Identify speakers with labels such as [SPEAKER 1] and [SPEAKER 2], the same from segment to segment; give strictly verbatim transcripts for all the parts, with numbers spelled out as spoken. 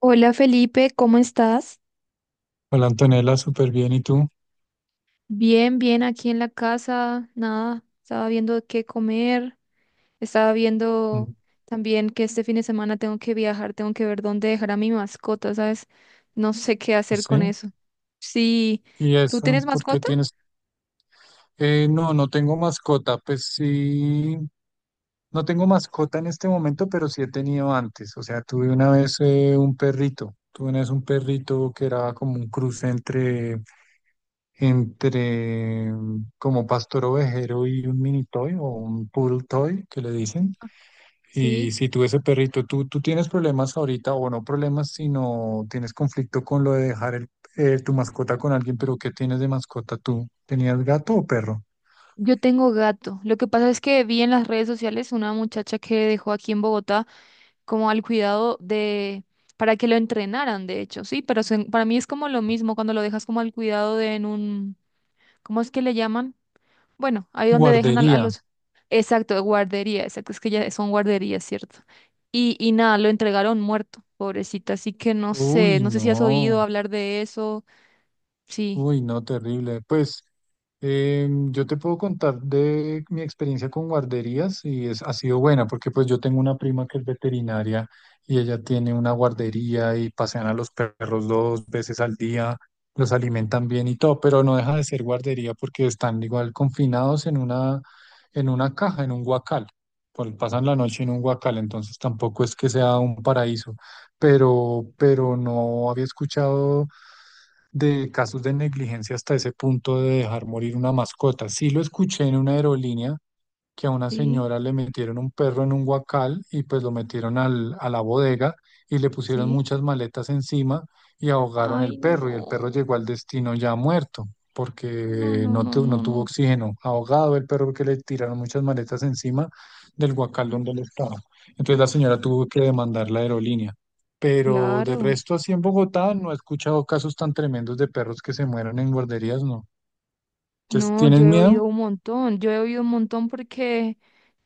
[SPEAKER 1] Hola Felipe, ¿cómo estás?
[SPEAKER 2] Hola Antonella, súper bien. ¿Y tú?
[SPEAKER 1] Bien, bien, aquí en la casa, nada, estaba viendo qué comer, estaba viendo
[SPEAKER 2] Mm,
[SPEAKER 1] también que este fin de semana tengo que viajar, tengo que ver dónde dejar a mi mascota, ¿sabes? No sé qué hacer
[SPEAKER 2] pues sí.
[SPEAKER 1] con eso. Sí,
[SPEAKER 2] ¿Y
[SPEAKER 1] ¿tú
[SPEAKER 2] eso?
[SPEAKER 1] tienes
[SPEAKER 2] ¿Por qué
[SPEAKER 1] mascota?
[SPEAKER 2] tienes? Eh, no, no tengo mascota. Pues sí, no tengo mascota en este momento, pero sí he tenido antes. O sea, tuve una vez eh, un perrito. Tuve una vez un perrito que era como un cruce entre, entre mm, como pastor ovejero y un mini toy o un poodle toy, que le dicen. Y
[SPEAKER 1] Sí,
[SPEAKER 2] si tú ese perrito, tú, tú tienes problemas ahorita, o no problemas, sino tienes conflicto con lo de dejar el- eh, tu mascota con alguien, pero ¿qué tienes de mascota tú? ¿Tenías gato o perro?
[SPEAKER 1] yo tengo gato. Lo que pasa es que vi en las redes sociales una muchacha que dejó aquí en Bogotá como al cuidado de, para que lo entrenaran, de hecho, sí, pero se- para mí es como lo mismo cuando lo dejas como al cuidado de en un ¿cómo es que le llaman? Bueno, ahí donde dejan al- a,
[SPEAKER 2] Guardería.
[SPEAKER 1] los... Exacto, guardería, exacto, es que ya son guarderías, ¿cierto? Y, y nada, lo entregaron muerto, pobrecita, así que no sé,
[SPEAKER 2] Uy,
[SPEAKER 1] no sé si has oído
[SPEAKER 2] no.
[SPEAKER 1] hablar de eso. Sí,
[SPEAKER 2] Uy, no, terrible. Pues em, yo te puedo contar de mi experiencia con guarderías y es, ha sido buena porque pues yo tengo una prima que es veterinaria y ella tiene una guardería y pasean a los perros dos veces al día, los alimentan bien y todo, pero no deja de ser guardería porque están igual confinados en una, en una caja, en un guacal. Pues, pasan la noche en un guacal, entonces tampoco es que sea un paraíso, pero, pero no había escuchado de casos de negligencia hasta ese punto de dejar morir una mascota. Sí lo escuché en una aerolínea que a una
[SPEAKER 1] sí,
[SPEAKER 2] señora le metieron un perro en un guacal y pues lo metieron al- a la bodega y le pusieron
[SPEAKER 1] sí.
[SPEAKER 2] muchas maletas encima y ahogaron el
[SPEAKER 1] Ay,
[SPEAKER 2] perro y el perro
[SPEAKER 1] no,
[SPEAKER 2] llegó al destino ya muerto
[SPEAKER 1] no,
[SPEAKER 2] porque
[SPEAKER 1] no,
[SPEAKER 2] no,
[SPEAKER 1] no,
[SPEAKER 2] tu- no
[SPEAKER 1] no, no.
[SPEAKER 2] tuvo oxígeno, ahogado el perro porque le tiraron muchas maletas encima del guacal donde él estaba. Entonces la señora tuvo que demandar la aerolínea. Pero de
[SPEAKER 1] Claro,
[SPEAKER 2] resto, así en Bogotá no he escuchado casos tan tremendos de perros que se mueran en guarderías, no. Entonces,
[SPEAKER 1] no,
[SPEAKER 2] ¿tienes
[SPEAKER 1] yo he
[SPEAKER 2] miedo?
[SPEAKER 1] oído un montón, yo he oído un montón porque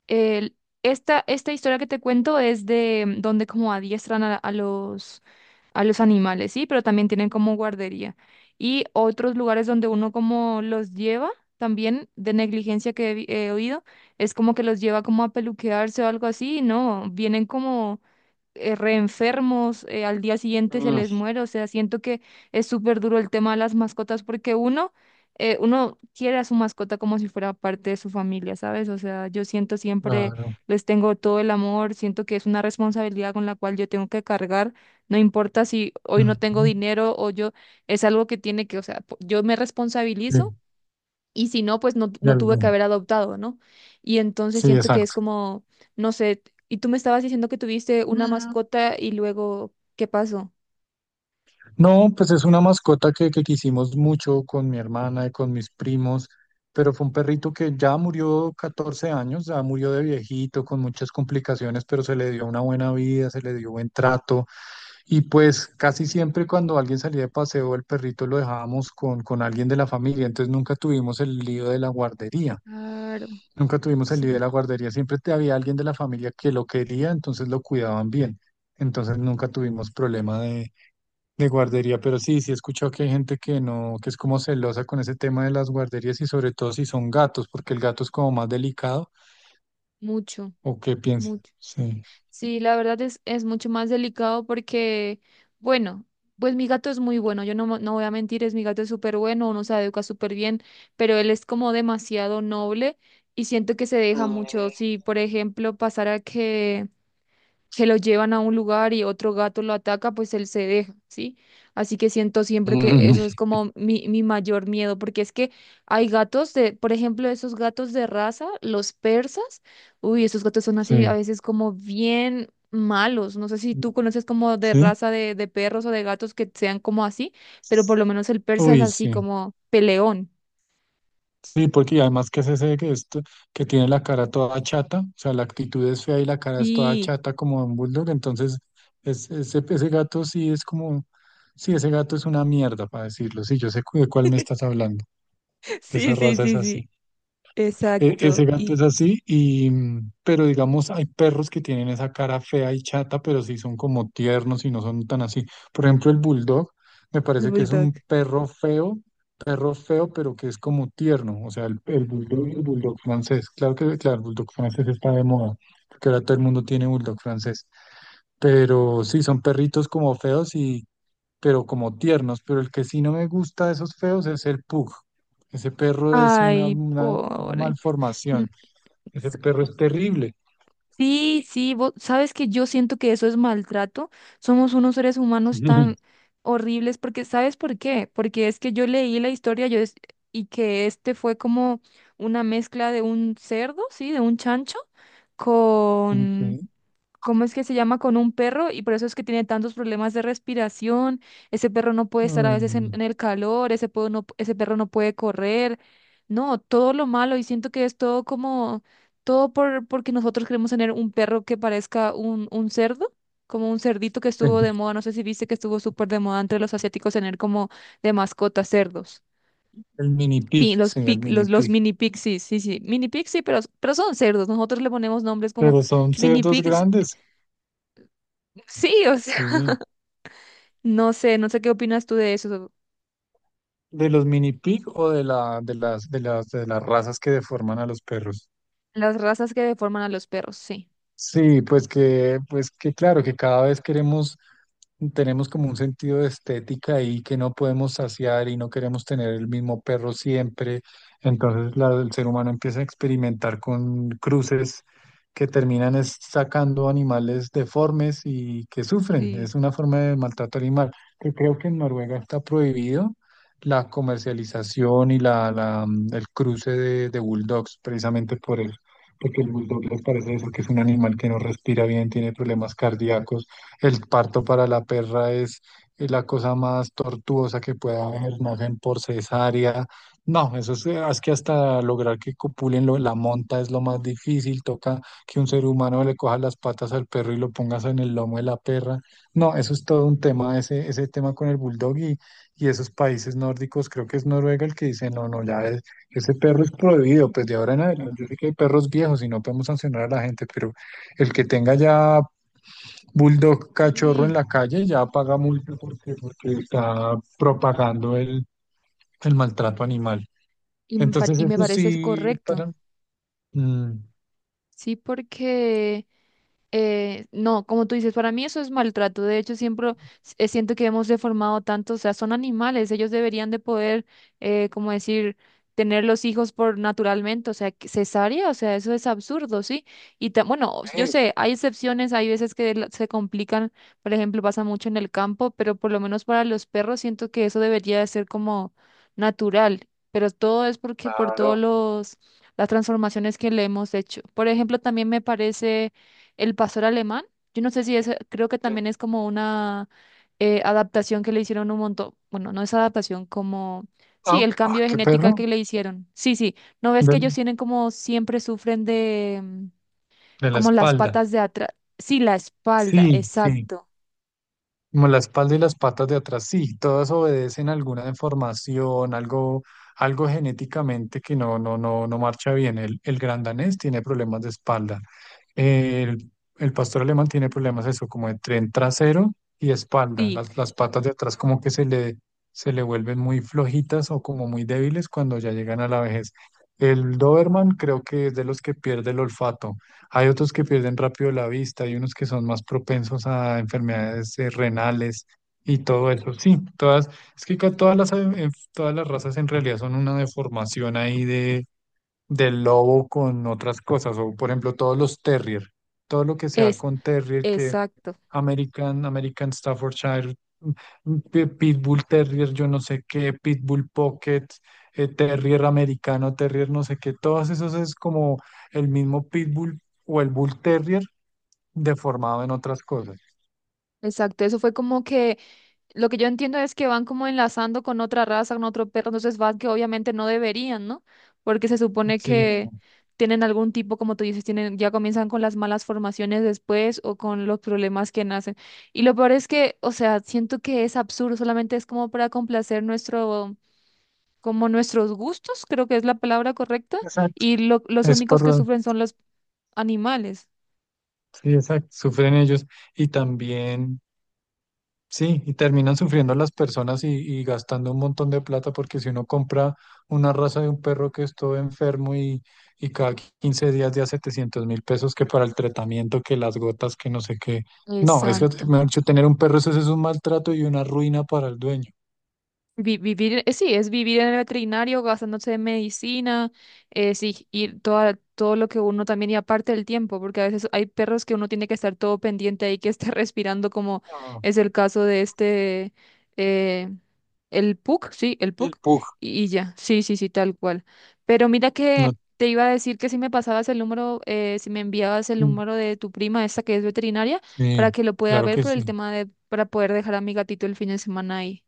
[SPEAKER 1] el- esta, esta historia que te cuento es de mm, donde como adiestran a, a los... a los animales, sí, pero también tienen como guardería. Y otros lugares donde uno como los lleva, también de negligencia que he, vi- he oído, es como que los lleva como a peluquearse o algo así, no, vienen como eh, reenfermos, eh, al día siguiente se
[SPEAKER 2] Mm,
[SPEAKER 1] les muere, o sea, siento que es súper duro el tema de las mascotas porque uno, eh, uno quiere a su mascota como si fuera parte de su familia, ¿sabes? O sea, yo siento siempre,
[SPEAKER 2] claro.
[SPEAKER 1] les tengo todo el amor, siento que es una responsabilidad con la cual yo tengo que cargar, no importa si hoy no tengo
[SPEAKER 2] Mm,
[SPEAKER 1] dinero o yo, es algo que tiene que, o sea, po- yo me responsabilizo
[SPEAKER 2] sí.
[SPEAKER 1] y si no, pues no,
[SPEAKER 2] De
[SPEAKER 1] no tuve que
[SPEAKER 2] algún.
[SPEAKER 1] haber adoptado, ¿no? Y entonces
[SPEAKER 2] Sí,
[SPEAKER 1] siento que es
[SPEAKER 2] exacto.
[SPEAKER 1] como, no sé, y tú me estabas diciendo que tuviste una
[SPEAKER 2] Mm,
[SPEAKER 1] mascota y luego, ¿qué pasó?
[SPEAKER 2] no, pues es una mascota que, que quisimos mucho con mi hermana y con mis primos, pero fue un perrito que ya murió catorce años, ya murió de viejito, con muchas complicaciones, pero se le dio una buena vida, se le dio buen trato. Y pues casi siempre cuando alguien salía de paseo, el perrito lo dejábamos con, con alguien de la familia, entonces nunca tuvimos el lío de la guardería.
[SPEAKER 1] Claro,
[SPEAKER 2] Nunca tuvimos el líder de
[SPEAKER 1] sí,
[SPEAKER 2] la guardería, siempre te había alguien de la familia que lo quería, entonces lo cuidaban bien. Entonces nunca tuvimos problema de, de guardería, pero sí, sí he escuchado que hay gente que no, que es como celosa con ese tema de las guarderías y sobre todo si son gatos, porque el gato es como más delicado,
[SPEAKER 1] mucho,
[SPEAKER 2] ¿o qué piensas?
[SPEAKER 1] mucho.
[SPEAKER 2] Sí.
[SPEAKER 1] Sí, la verdad es, es mucho más delicado porque, bueno, pues mi gato es muy bueno, yo no, mo- no voy a mentir, es mi gato es súper bueno, uno se educa súper bien, pero él es como demasiado noble y siento que se deja mucho.
[SPEAKER 2] Mm.
[SPEAKER 1] Si, por ejemplo, pasara que se lo llevan a un lugar y otro gato lo ataca, pues él se deja, ¿sí? Así que siento siempre que eso es como mi, mi mayor miedo, porque es que hay gatos de, por ejemplo, esos gatos de raza, los persas, uy, esos gatos son así
[SPEAKER 2] Sí.
[SPEAKER 1] a veces como bien malos, no sé si tú conoces como de
[SPEAKER 2] Sí.
[SPEAKER 1] raza de, de perros o de gatos que sean como así, pero por lo menos el persa es
[SPEAKER 2] Uy,
[SPEAKER 1] así
[SPEAKER 2] sí.
[SPEAKER 1] como peleón.
[SPEAKER 2] Sí, porque además que es ese que, esto, que tiene la cara toda chata, o sea, la actitud es fea y la cara es toda
[SPEAKER 1] Sí,
[SPEAKER 2] chata como un bulldog, entonces es, ese, ese gato sí es como, sí, ese gato es una mierda, para decirlo, sí, yo sé cu- de cuál me estás hablando, esa
[SPEAKER 1] sí, sí,
[SPEAKER 2] raza es
[SPEAKER 1] sí, sí,
[SPEAKER 2] así. E- Ese
[SPEAKER 1] exacto.
[SPEAKER 2] gato
[SPEAKER 1] Y
[SPEAKER 2] es así, y, mm, pero digamos, hay perros que tienen esa cara fea y chata, pero sí son como tiernos y no son tan así. Por ejemplo, el bulldog me
[SPEAKER 1] el
[SPEAKER 2] parece que es
[SPEAKER 1] bulldog.
[SPEAKER 2] un perro feo, perro feo, pero que es como tierno. O sea, el, el bulldog y el bulldog francés. Claro que, claro, el bulldog francés está de moda, porque ahora todo el mundo tiene bulldog francés. Pero sí, son perritos como feos y, pero como tiernos. Pero el que sí no me gusta de esos feos es el pug. Ese perro es una,
[SPEAKER 1] Ay,
[SPEAKER 2] una, una
[SPEAKER 1] pobre.
[SPEAKER 2] malformación. Ese perro es terrible.
[SPEAKER 1] Sí, sí, vos sabes que yo siento que eso es maltrato. Somos unos seres
[SPEAKER 2] Sí.
[SPEAKER 1] humanos tan horribles porque, ¿sabes por qué? Porque es que yo leí la historia yo es- y que este fue como una mezcla de un cerdo, sí, de un chancho
[SPEAKER 2] Ok.
[SPEAKER 1] con
[SPEAKER 2] Ay,
[SPEAKER 1] ¿cómo es que se llama con un perro? Y por eso es que tiene tantos problemas de respiración. Ese perro no puede estar a veces en,
[SPEAKER 2] no.
[SPEAKER 1] en el calor, ese, puedo no- ese perro no puede correr. No, todo lo malo. Y siento que es todo como, todo por, porque nosotros queremos tener un perro que parezca un, un cerdo, como un cerdito que estuvo de moda. No sé si viste que estuvo súper de moda entre los asiáticos tener como de mascota cerdos.
[SPEAKER 2] El mini pig,
[SPEAKER 1] Pi- Los,
[SPEAKER 2] sí, el
[SPEAKER 1] pi-
[SPEAKER 2] mini
[SPEAKER 1] los, los
[SPEAKER 2] pig.
[SPEAKER 1] mini pixies, sí, sí, sí. Mini pixies, pero, pero son cerdos. Nosotros le ponemos nombres como
[SPEAKER 2] Pero son
[SPEAKER 1] mini
[SPEAKER 2] cerdos
[SPEAKER 1] pixies.
[SPEAKER 2] grandes,
[SPEAKER 1] Sí, o sea.
[SPEAKER 2] sí.
[SPEAKER 1] No sé, no sé qué opinas tú de eso.
[SPEAKER 2] ¿De los mini pig o de la, de las, de las, de las razas que deforman a los perros?
[SPEAKER 1] Las razas que deforman a los perros, sí.
[SPEAKER 2] Sí, pues que, pues que claro, que cada vez queremos, tenemos como un sentido de estética y que no podemos saciar y no queremos tener el mismo perro siempre. Entonces la- el ser humano empieza a experimentar con cruces que terminan es sacando animales deformes y que sufren.
[SPEAKER 1] Sí.
[SPEAKER 2] Es una forma de maltrato animal que creo que en Noruega está prohibido la comercialización y la, la, mm, el cruce de, de bulldogs precisamente por el porque el bulldog les parece eso, que es un animal que no respira bien, tiene problemas cardíacos. El parto para la perra es eh, la cosa más tortuosa que pueda haber, nacen por cesárea. No, eso es, eh, es que hasta lograr que copulen lo- la monta es lo más difícil, toca que un ser humano le coja las patas al perro y lo pongas en el lomo de la perra. No, eso es todo un tema, ese, ese tema con el bulldog y, y esos países nórdicos, creo que es Noruega el que dice, no, no, ya es ese perro es prohibido, pues de ahora en adelante. Yo sé que hay perros viejos y no podemos sancionar a la gente, pero el que tenga ya bulldog cachorro en
[SPEAKER 1] Sí,
[SPEAKER 2] la calle ya paga multa porque, porque está propagando el, el maltrato animal.
[SPEAKER 1] y me, par-
[SPEAKER 2] Entonces,
[SPEAKER 1] y me
[SPEAKER 2] eso
[SPEAKER 1] parece es
[SPEAKER 2] sí,
[SPEAKER 1] correcto.
[SPEAKER 2] para. mm,
[SPEAKER 1] Sí, porque Eh, no, como tú dices, para mí eso es maltrato. De hecho, siempre eh, siento que hemos deformado tanto, o sea, son animales, ellos deberían de poder, eh, como decir, tener los hijos por naturalmente, o sea, que- cesárea, o sea, eso es absurdo, ¿sí? Y ta- bueno, yo
[SPEAKER 2] eh,
[SPEAKER 1] sé, hay excepciones, hay veces que la- se complican, por ejemplo, pasa mucho en el campo, pero por lo menos para los perros siento que eso debería de ser como natural, pero todo es porque por
[SPEAKER 2] claro.
[SPEAKER 1] todos los las transformaciones que le hemos hecho. Por ejemplo, también me parece el pastor alemán, yo no sé si es, creo que
[SPEAKER 2] Sí.
[SPEAKER 1] también es como una eh, adaptación que le hicieron un montón, bueno, no es adaptación, como, sí,
[SPEAKER 2] Ah,
[SPEAKER 1] el cambio
[SPEAKER 2] ah,
[SPEAKER 1] de
[SPEAKER 2] qué
[SPEAKER 1] genética
[SPEAKER 2] perro.
[SPEAKER 1] que le hicieron. Sí, sí, ¿no ves
[SPEAKER 2] De,
[SPEAKER 1] que ellos tienen como siempre sufren de mm,
[SPEAKER 2] de la
[SPEAKER 1] como las
[SPEAKER 2] espalda.
[SPEAKER 1] patas de atrás? Sí, la espalda,
[SPEAKER 2] Sí, sí.
[SPEAKER 1] exacto.
[SPEAKER 2] Como la espalda y las patas de atrás, sí, todas obedecen a alguna deformación, algo, algo genéticamente que no, no, no, no marcha bien. El, el gran danés tiene problemas de espalda. El, el pastor alemán tiene problemas eso, como de tren trasero y espalda.
[SPEAKER 1] Sí,
[SPEAKER 2] Las, las patas de atrás como que se le, se le vuelven muy flojitas o como muy débiles cuando ya llegan a la vejez. El Doberman creo que es de los que pierde el olfato. Hay otros que pierden rápido la vista, hay unos que son más propensos a enfermedades eh, renales y todo eso. Sí, todas, es que ca- todas las, eh, todas las razas en realidad son una deformación ahí del lobo con otras cosas, o por ejemplo todos los terrier, todo lo que sea
[SPEAKER 1] es,
[SPEAKER 2] con terrier, que
[SPEAKER 1] exacto,
[SPEAKER 2] American, American Staffordshire, mm, pi- Pitbull Terrier, yo no sé qué, Pitbull Pocket, eh, Terrier americano, Terrier no sé qué, todas esas es como el mismo Pitbull o el Bull Terrier deformado en otras cosas.
[SPEAKER 1] exacto. Eso fue como que lo que yo entiendo es que van como enlazando con otra raza, con otro perro, entonces van que obviamente no deberían, ¿no? Porque se supone
[SPEAKER 2] Sí,
[SPEAKER 1] que
[SPEAKER 2] no.
[SPEAKER 1] tienen algún tipo, como tú dices, tienen, ya comienzan con las malas formaciones después o con los problemas que nacen. Y lo peor es que, o sea, siento que es absurdo, solamente es como para complacer nuestro, como nuestros gustos, creo que es la palabra correcta,
[SPEAKER 2] Exacto.
[SPEAKER 1] y lo- los
[SPEAKER 2] Es
[SPEAKER 1] únicos que
[SPEAKER 2] por,
[SPEAKER 1] sufren son los animales.
[SPEAKER 2] sí, exacto, sufren ellos y también sí, y terminan sufriendo las personas y, y gastando un montón de plata porque si uno compra una raza de un perro que es todo enfermo y, y cada quince días ya setecientos mil pesos que para el tratamiento, que las gotas, que no sé qué. No, es que,
[SPEAKER 1] Exacto.
[SPEAKER 2] mejor dicho, tener un perro eso, sí es un maltrato y una ruina para el dueño.
[SPEAKER 1] Vi- vivir, eh, sí, es vivir en el veterinario gastándose en medicina, eh, sí, y toda, todo lo que uno también, y aparte el tiempo, porque a veces hay perros que uno tiene que estar todo pendiente ahí, que esté respirando, como
[SPEAKER 2] No.
[SPEAKER 1] es el caso de este, eh, el pug sí, el
[SPEAKER 2] El
[SPEAKER 1] pug
[SPEAKER 2] pug.
[SPEAKER 1] y, y ya, sí, sí, sí, tal cual. Pero mira
[SPEAKER 2] No,
[SPEAKER 1] que te iba a decir que si me pasabas el número, eh, si me enviabas el
[SPEAKER 2] mm,
[SPEAKER 1] número de tu prima, esta que es veterinaria, para
[SPEAKER 2] sí,
[SPEAKER 1] que lo pueda
[SPEAKER 2] claro
[SPEAKER 1] ver
[SPEAKER 2] que
[SPEAKER 1] por el
[SPEAKER 2] sí.
[SPEAKER 1] tema de, para poder dejar a mi gatito el fin de semana ahí.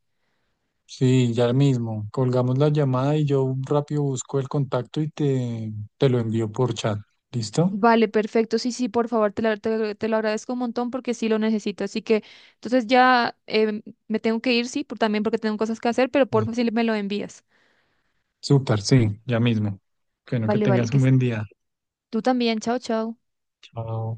[SPEAKER 2] Sí, ya mismo. Colgamos la llamada y yo rápido busco el contacto y te, te lo envío por chat. ¿Listo?
[SPEAKER 1] Vale, perfecto. Sí, sí, por favor, te lo, te, te lo agradezco un montón porque sí lo necesito. Así que, entonces ya em, me tengo que ir, sí, por, también porque tengo cosas que hacer, pero por
[SPEAKER 2] Sí.
[SPEAKER 1] favor, sí me lo envías.
[SPEAKER 2] Súper, sí, ya mismo. Bueno, que
[SPEAKER 1] Vale, vale,
[SPEAKER 2] tengas
[SPEAKER 1] que
[SPEAKER 2] un
[SPEAKER 1] es-
[SPEAKER 2] buen día.
[SPEAKER 1] tú también. Chao, chao.
[SPEAKER 2] Chao.